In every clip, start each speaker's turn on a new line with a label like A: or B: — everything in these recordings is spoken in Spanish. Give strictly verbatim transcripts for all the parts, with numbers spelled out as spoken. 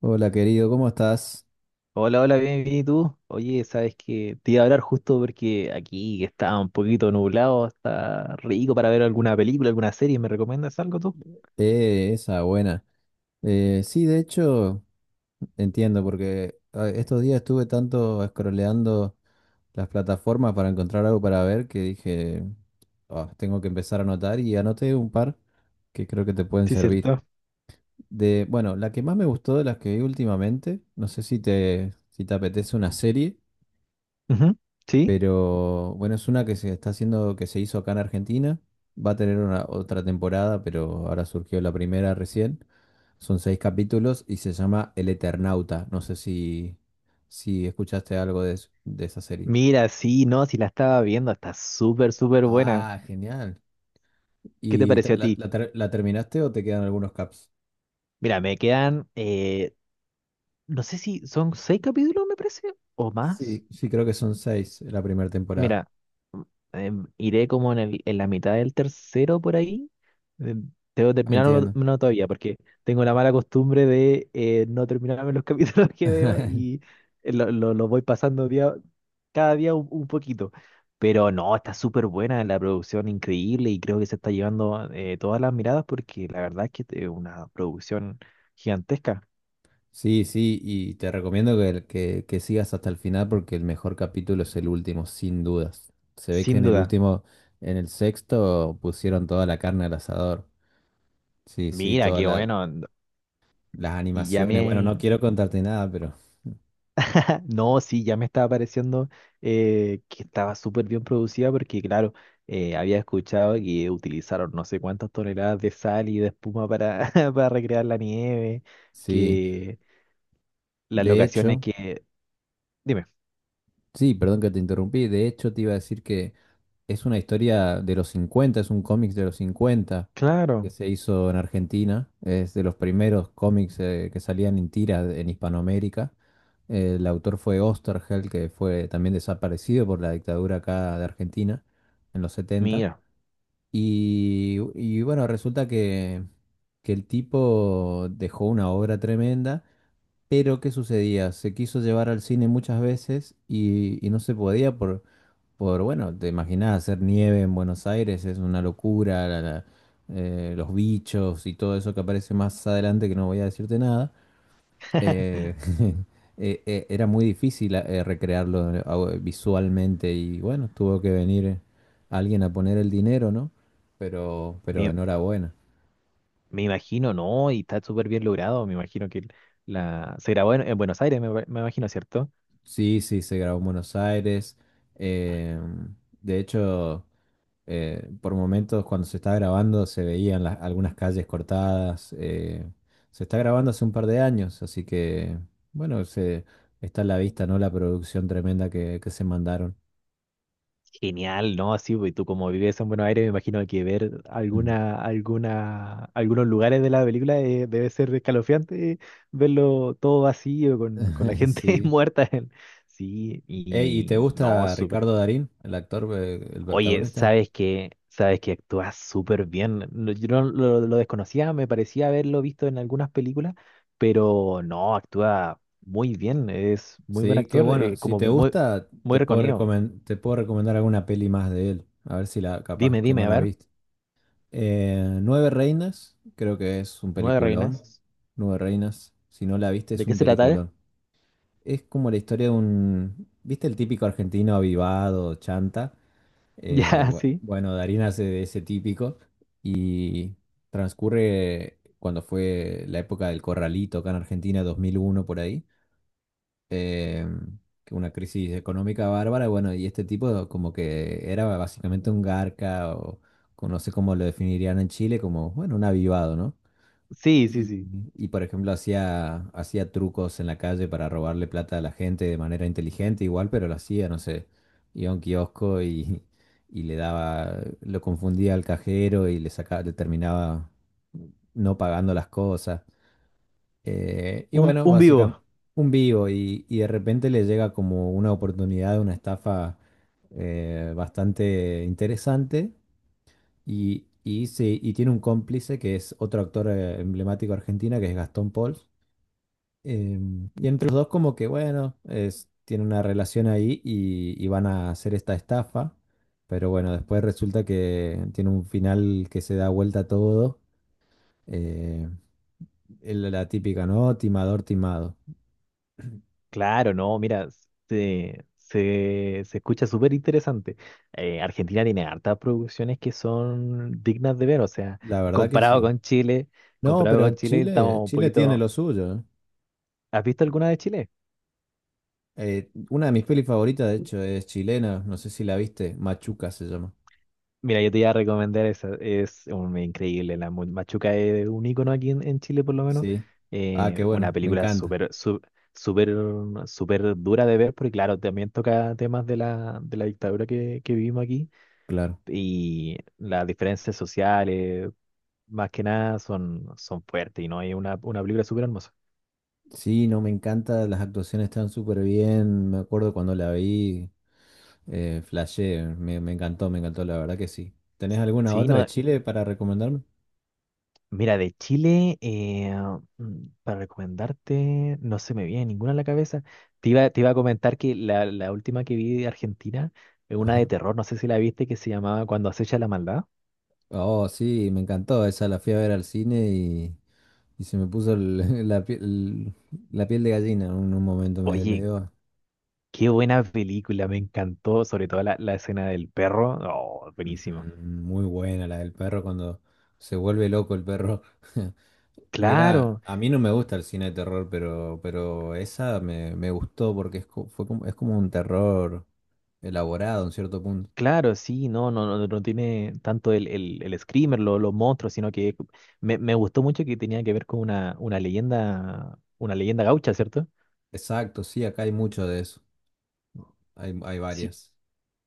A: Hola querido, ¿cómo estás?
B: Hola, hola, bien, bien, ¿y tú? Oye, sabes que te iba a hablar justo porque aquí que está un poquito nublado, está rico para ver alguna película, alguna serie. ¿Me recomiendas algo tú?
A: Eh, esa buena. Eh, sí, de hecho, entiendo, porque ah, estos días estuve tanto scrolleando las plataformas para encontrar algo para ver que dije, "Ah, tengo que empezar a anotar y anoté un par que creo que te pueden
B: Sí,
A: servir.
B: cierto.
A: De, bueno, la que más me gustó de las que vi últimamente, no sé si te, si te apetece una serie.
B: Ujú. Sí.
A: Pero bueno, es una que se está haciendo, que se hizo acá en Argentina. Va a tener una, otra temporada, pero ahora surgió la primera recién. Son seis capítulos y se llama El Eternauta. No sé si, si escuchaste algo de, es- de esa serie.
B: Mira, sí, no, si la estaba viendo, está súper, súper buena.
A: Ah, genial.
B: ¿Qué te
A: ¿Y te-
B: pareció a
A: la,
B: ti?
A: la ter- la terminaste o te quedan algunos caps?
B: Mira, me quedan, eh, no sé si son seis capítulos, me parece, o más.
A: Sí, sí, creo que son seis la primera temporada.
B: Mira, mm, em, iré como en el, en la mitad del tercero por ahí. Em, Debo terminarlo
A: Entiendo.
B: no todavía, porque tengo la mala costumbre de eh, no terminarme los capítulos que veo y eh, lo, lo- los voy pasando día, cada día un, un poquito. Pero no, está súper buena la producción, increíble, y creo que se está llevando eh, todas las miradas porque la verdad es que es una producción gigantesca,
A: Sí, sí, y te recomiendo que, que, que sigas hasta el final porque el mejor capítulo es el último, sin dudas. Se ve que
B: sin
A: en el
B: duda.
A: último, en el sexto, pusieron toda la carne al asador. Sí, sí,
B: Mira,
A: todas
B: qué
A: la-
B: bueno.
A: las
B: Y ya
A: animaciones. Bueno, no
B: me,
A: quiero contarte nada, pero
B: No, sí, ya me estaba pareciendo eh, que estaba súper bien producida porque, claro, eh, había escuchado que utilizaron no sé cuántas toneladas de sal y de espuma para, para recrear la nieve,
A: sí.
B: que las
A: De
B: locaciones
A: hecho,
B: que... Dime,
A: sí, perdón que te interrumpí. De hecho, te iba a decir que es una historia de los cincuenta, es un cómic de los cincuenta que
B: claro,
A: se hizo en Argentina. Es de los primeros cómics eh, que salían en tira en Hispanoamérica. Eh, El autor fue Osterhel, que fue también desaparecido por la dictadura acá de Argentina en los setenta.
B: mira,
A: Y, y bueno, resulta que, que el tipo dejó una obra tremenda pero, ¿qué sucedía? Se quiso llevar al cine muchas veces y, y no se podía por, por, bueno, te imaginás, hacer nieve en Buenos Aires es una locura, la- la- eh, los bichos y todo eso que aparece más adelante que no voy a decirte nada. eh, eh, eh, era muy difícil eh, recrearlo eh, au- eh, visualmente y bueno, tuvo que venir eh, alguien a poner el dinero, ¿no? Pero, pero
B: me,
A: enhorabuena.
B: me imagino, ¿no? Y está súper bien logrado, me imagino que la... se grabó en, en Buenos Aires, me, me imagino, ¿cierto?
A: Sí, sí, se grabó en Buenos Aires. em, de hecho, eh, por momentos cuando se está grabando se veían las- algunas calles cortadas. Eh, se está grabando hace un par de años, así que bueno, se, está a la vista, ¿no? La producción tremenda que, que se mandaron.
B: Genial, ¿no? Sí, pues, y tú como vives en Buenos Aires, me imagino que ver
A: Mm.
B: alguna, alguna, algunos lugares de la película eh, debe ser escalofriante, eh, verlo todo vacío, con, con la gente
A: Sí.
B: muerta. En- Sí,
A: Ey, ¿y te
B: y no,
A: gusta
B: súper.
A: Ricardo Darín, el actor, eh, el
B: Oye,
A: protagonista?
B: sabes que, sabes que actúas súper bien. No, yo no lo, lo desconocía, me parecía haberlo visto en algunas películas, pero no, actúa muy bien, es muy buen
A: Sí, que
B: actor,
A: bueno,
B: eh,
A: si
B: como
A: te
B: muy,
A: gusta,
B: muy
A: te puedo
B: reconocido.
A: recomen- te puedo recomendar alguna peli más de él. A ver si la, capaz
B: Dime,
A: que no
B: dime, a
A: la
B: ver,
A: viste. Eh, Nueve Reinas, creo que es un
B: Nueve
A: peliculón.
B: Reinas.
A: Nueve Reinas, si no la viste,
B: ¿De
A: es
B: qué
A: un
B: se trata?
A: peliculón. Es como la historia de un, ¿viste el típico argentino avivado, chanta? Eh,
B: Ya,
A: bu-
B: sí.
A: bueno, Darín hace de ese típico y transcurre cuando fue la época del Corralito, acá en Argentina, dos mil uno por ahí. eh, que una crisis económica bárbara, bueno, y este tipo como que era básicamente un garca o o no sé cómo lo definirían en Chile, como, bueno, un avivado, ¿no?
B: Sí, sí,
A: Y,
B: sí.
A: y, por ejemplo hacía, hacía trucos en la calle para robarle plata a la gente de manera inteligente igual, pero lo hacía, no sé, iba a un kiosco y, y le daba, lo confundía al cajero y le sacaba, le terminaba no pagando las cosas. Eh, y
B: Un,
A: bueno,
B: un
A: básicamente
B: vivo.
A: un vivo y, y de repente le llega como una oportunidad, una estafa eh, bastante interesante y, y, sí, y tiene un cómplice que es otro actor eh, emblemático argentina que es Gastón Pauls. Em, y entre los dos como que bueno, es, tienen una relación ahí y, y van a hacer esta estafa, pero bueno, después resulta que tiene un final que se da vuelta todo, eh, el- la típica, ¿no? Timador, timado.
B: Claro, no, mira, se, se, se escucha súper interesante. Eh, Argentina tiene hartas producciones que son dignas de ver, o sea,
A: La verdad que
B: comparado
A: sí.
B: con Chile,
A: No,
B: comparado con
A: pero
B: Chile, estamos
A: Chile,
B: un
A: Chile tiene
B: poquito...
A: lo suyo. ¿Eh?
B: ¿Has visto alguna de Chile?
A: Eh, una de mis pelis favoritas, de hecho, es chilena. No sé si la viste. Machuca se llama.
B: Mira, yo te iba a recomendar esa, es un, increíble, la Mu- Machuca es un icono aquí en, en Chile por lo menos,
A: Sí. Ah, qué
B: eh, una
A: bueno. Me
B: película
A: encanta.
B: súper, su- súper, súper dura de ver, porque claro, también toca temas de la, de la dictadura que, que vivimos aquí,
A: Claro.
B: y las diferencias sociales, más que nada, son, son fuertes, y no hay una, una película súper hermosa.
A: Sí, no, me encanta. Las actuaciones están súper bien. Me acuerdo cuando la vi. Eh, flashé. Me, me encantó, me encantó. La verdad que sí. ¿Tenés alguna
B: Sí,
A: otra de
B: no,
A: Chile para recomendarme?
B: mira, de Chile, eh, mm, para recomendarte, no se me viene ninguna a la cabeza. Te iba, te iba a comentar que la, la última que vi de Argentina es una
A: Ajá.
B: de terror, no sé si la viste, que se llamaba Cuando acecha la maldad.
A: Oh, sí, me encantó. Esa la fui a ver al cine y Y se me puso el- la piel, la piel de gallina en un, un momento, me, me
B: Oye,
A: dio
B: qué buena película, me encantó, sobre todo la, la escena del perro. Oh, buenísimo.
A: mm, muy buena la del perro cuando se vuelve loco el perro. Mirá,
B: Claro,
A: a mí no me gusta el cine de terror, pero, pero esa me, me gustó porque es, co- fue como, es como un terror elaborado en cierto punto.
B: claro, sí, no, no, no, no tiene tanto el, el, el screamer, lo- los monstruos, sino que me, me gustó mucho que tenía que ver con una, una leyenda, una leyenda gaucha, ¿cierto?
A: Exacto, sí, acá hay mucho de eso, hay, hay
B: Sí,
A: varias.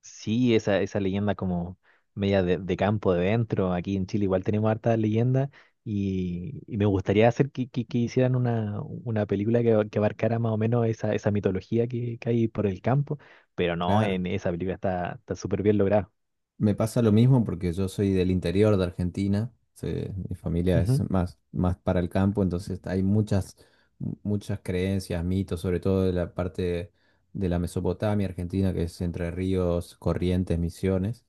B: sí, esa, esa leyenda como media de, de campo de dentro. Aquí en Chile igual tenemos hartas leyendas y, y me gustaría hacer que, que- que hicieran una, una película que, que abarcara más o menos esa, esa mitología que, que hay por el campo, pero no,
A: Claro.
B: en esa película está, está súper bien lograda.
A: Me pasa lo mismo porque yo soy del interior de Argentina, se- mi familia es
B: Ujú,
A: más, más para el campo, entonces hay muchas, mu- muchas creencias, mitos, sobre todo de la parte de la Mesopotamia argentina, que es Entre Ríos, Corrientes, Misiones,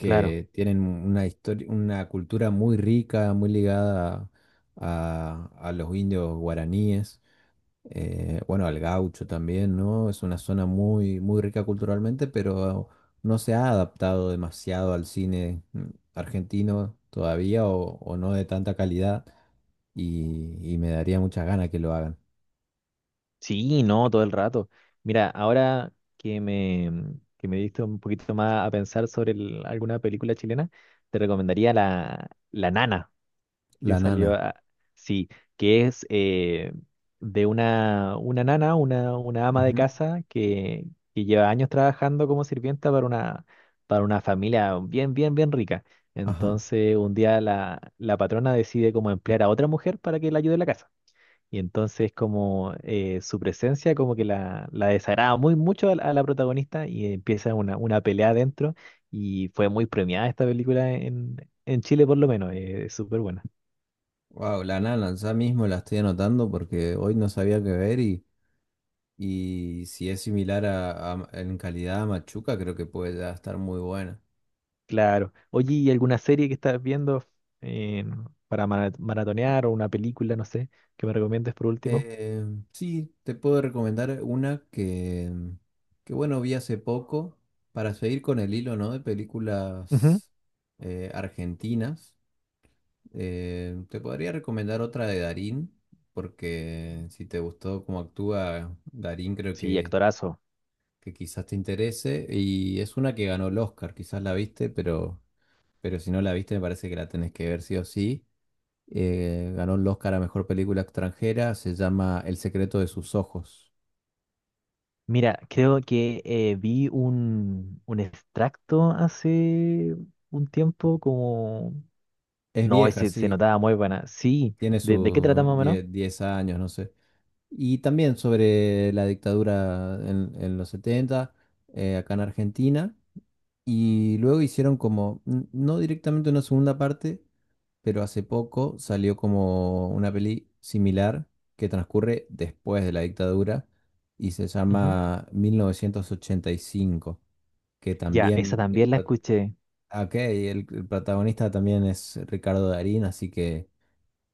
B: claro.
A: tienen una historia, una cultura muy rica, muy ligada a, a los indios guaraníes. Eh, bueno, al gaucho también, ¿no? Es una zona muy, muy rica culturalmente, pero no se ha adaptado demasiado al cine mm, argentino todavía o, o no de tanta calidad y, y me daría muchas ganas que lo hagan.
B: Sí, no, todo el rato. Mira, ahora que me, que me diste un poquito más a pensar sobre el- alguna película chilena, te recomendaría la, La Nana. Que
A: La
B: salió,
A: Nana.
B: a- sí, que es eh, de una, una nana, una, una ama de
A: Ujú.
B: casa que, que lleva años trabajando como sirvienta para una, para una familia bien, bien, bien rica.
A: Ajá.
B: Entonces un día la, la patrona decide como emplear a otra mujer para que la ayude en la casa. Y entonces como eh, su presencia como que la, la desagrada muy mucho a, la a la protagonista y empieza una, una pelea adentro y fue muy premiada esta película en, en Chile por lo menos, eh, es súper buena.
A: Wow, La Nana, ya mismo la estoy anotando porque hoy no sabía qué ver y, y si es similar a, a- en calidad a Machuca, creo que puede ya estar muy buena.
B: Claro. Oye, ¿y alguna serie que estás viendo eh, para mara- maratonear o una película, no sé, que me recomiendes por último?
A: Eh, sí, te puedo recomendar una que, mm, que, bueno, vi hace poco para seguir con el hilo, ¿no? De
B: Ujú.
A: películas eh, argentinas. Eh, te podría recomendar otra de Darín, porque si te gustó cómo actúa Darín, creo
B: Sí,
A: que,
B: actorazo.
A: que quizás te interese. Y es una que ganó el Oscar, quizás la viste, pero, pero si no la viste, me parece que la tenés que ver sí o sí. Eh, ganó el Oscar a Mejor Película Extranjera, se llama El secreto de sus ojos.
B: Mira, creo que eh, vi un, un extracto hace un tiempo como...
A: Es
B: No,
A: vieja,
B: ese se se
A: sí,
B: notaba muy buena. Sí,
A: tiene
B: ¿de, de qué trata
A: sus
B: más o menos?
A: diez diez años, no sé. Y también sobre la dictadura en, en los setenta. Eh, acá en Argentina. Y luego hicieron como, n- no directamente una segunda parte, pero hace poco salió como una peli similar que transcurre después de la dictadura y se
B: Ujú.
A: llama mil novecientos ochenta y cinco, que
B: Ya, esa
A: también el,
B: también la
A: pro-
B: escuché.
A: ok, el el protagonista también es Ricardo Darín, así que...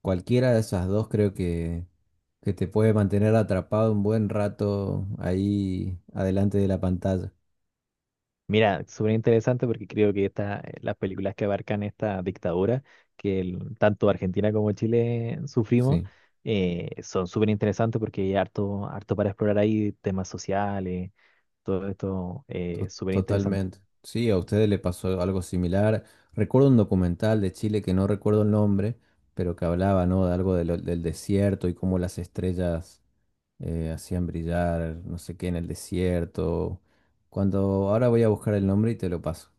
A: Cualquiera de esas dos creo que, que te puede mantener atrapado un buen rato ahí adelante de la pantalla.
B: Mira, súper interesante porque creo que esta, eh, las películas que abarcan esta dictadura que el- tanto Argentina como Chile sufrimos
A: Sí,
B: eh, son súper interesantes porque hay harto, harto para explorar ahí temas sociales, todo esto eh,
A: to-
B: súper interesante.
A: totalmente. Sí, a ustedes le pasó algo similar. Recuerdo un documental de Chile que no recuerdo el nombre, pero que hablaba, ¿no? De algo de lo- del desierto y cómo las estrellas eh, hacían brillar, no sé qué, en el desierto. Cuando ahora voy a buscar el nombre y te lo paso.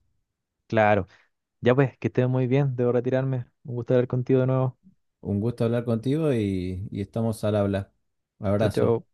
B: Claro, ya pues, que estén muy bien, debo retirarme. Un gusto hablar contigo de nuevo.
A: Un gusto hablar contigo y, y estamos al habla.
B: Chao,
A: Abrazo.
B: chao.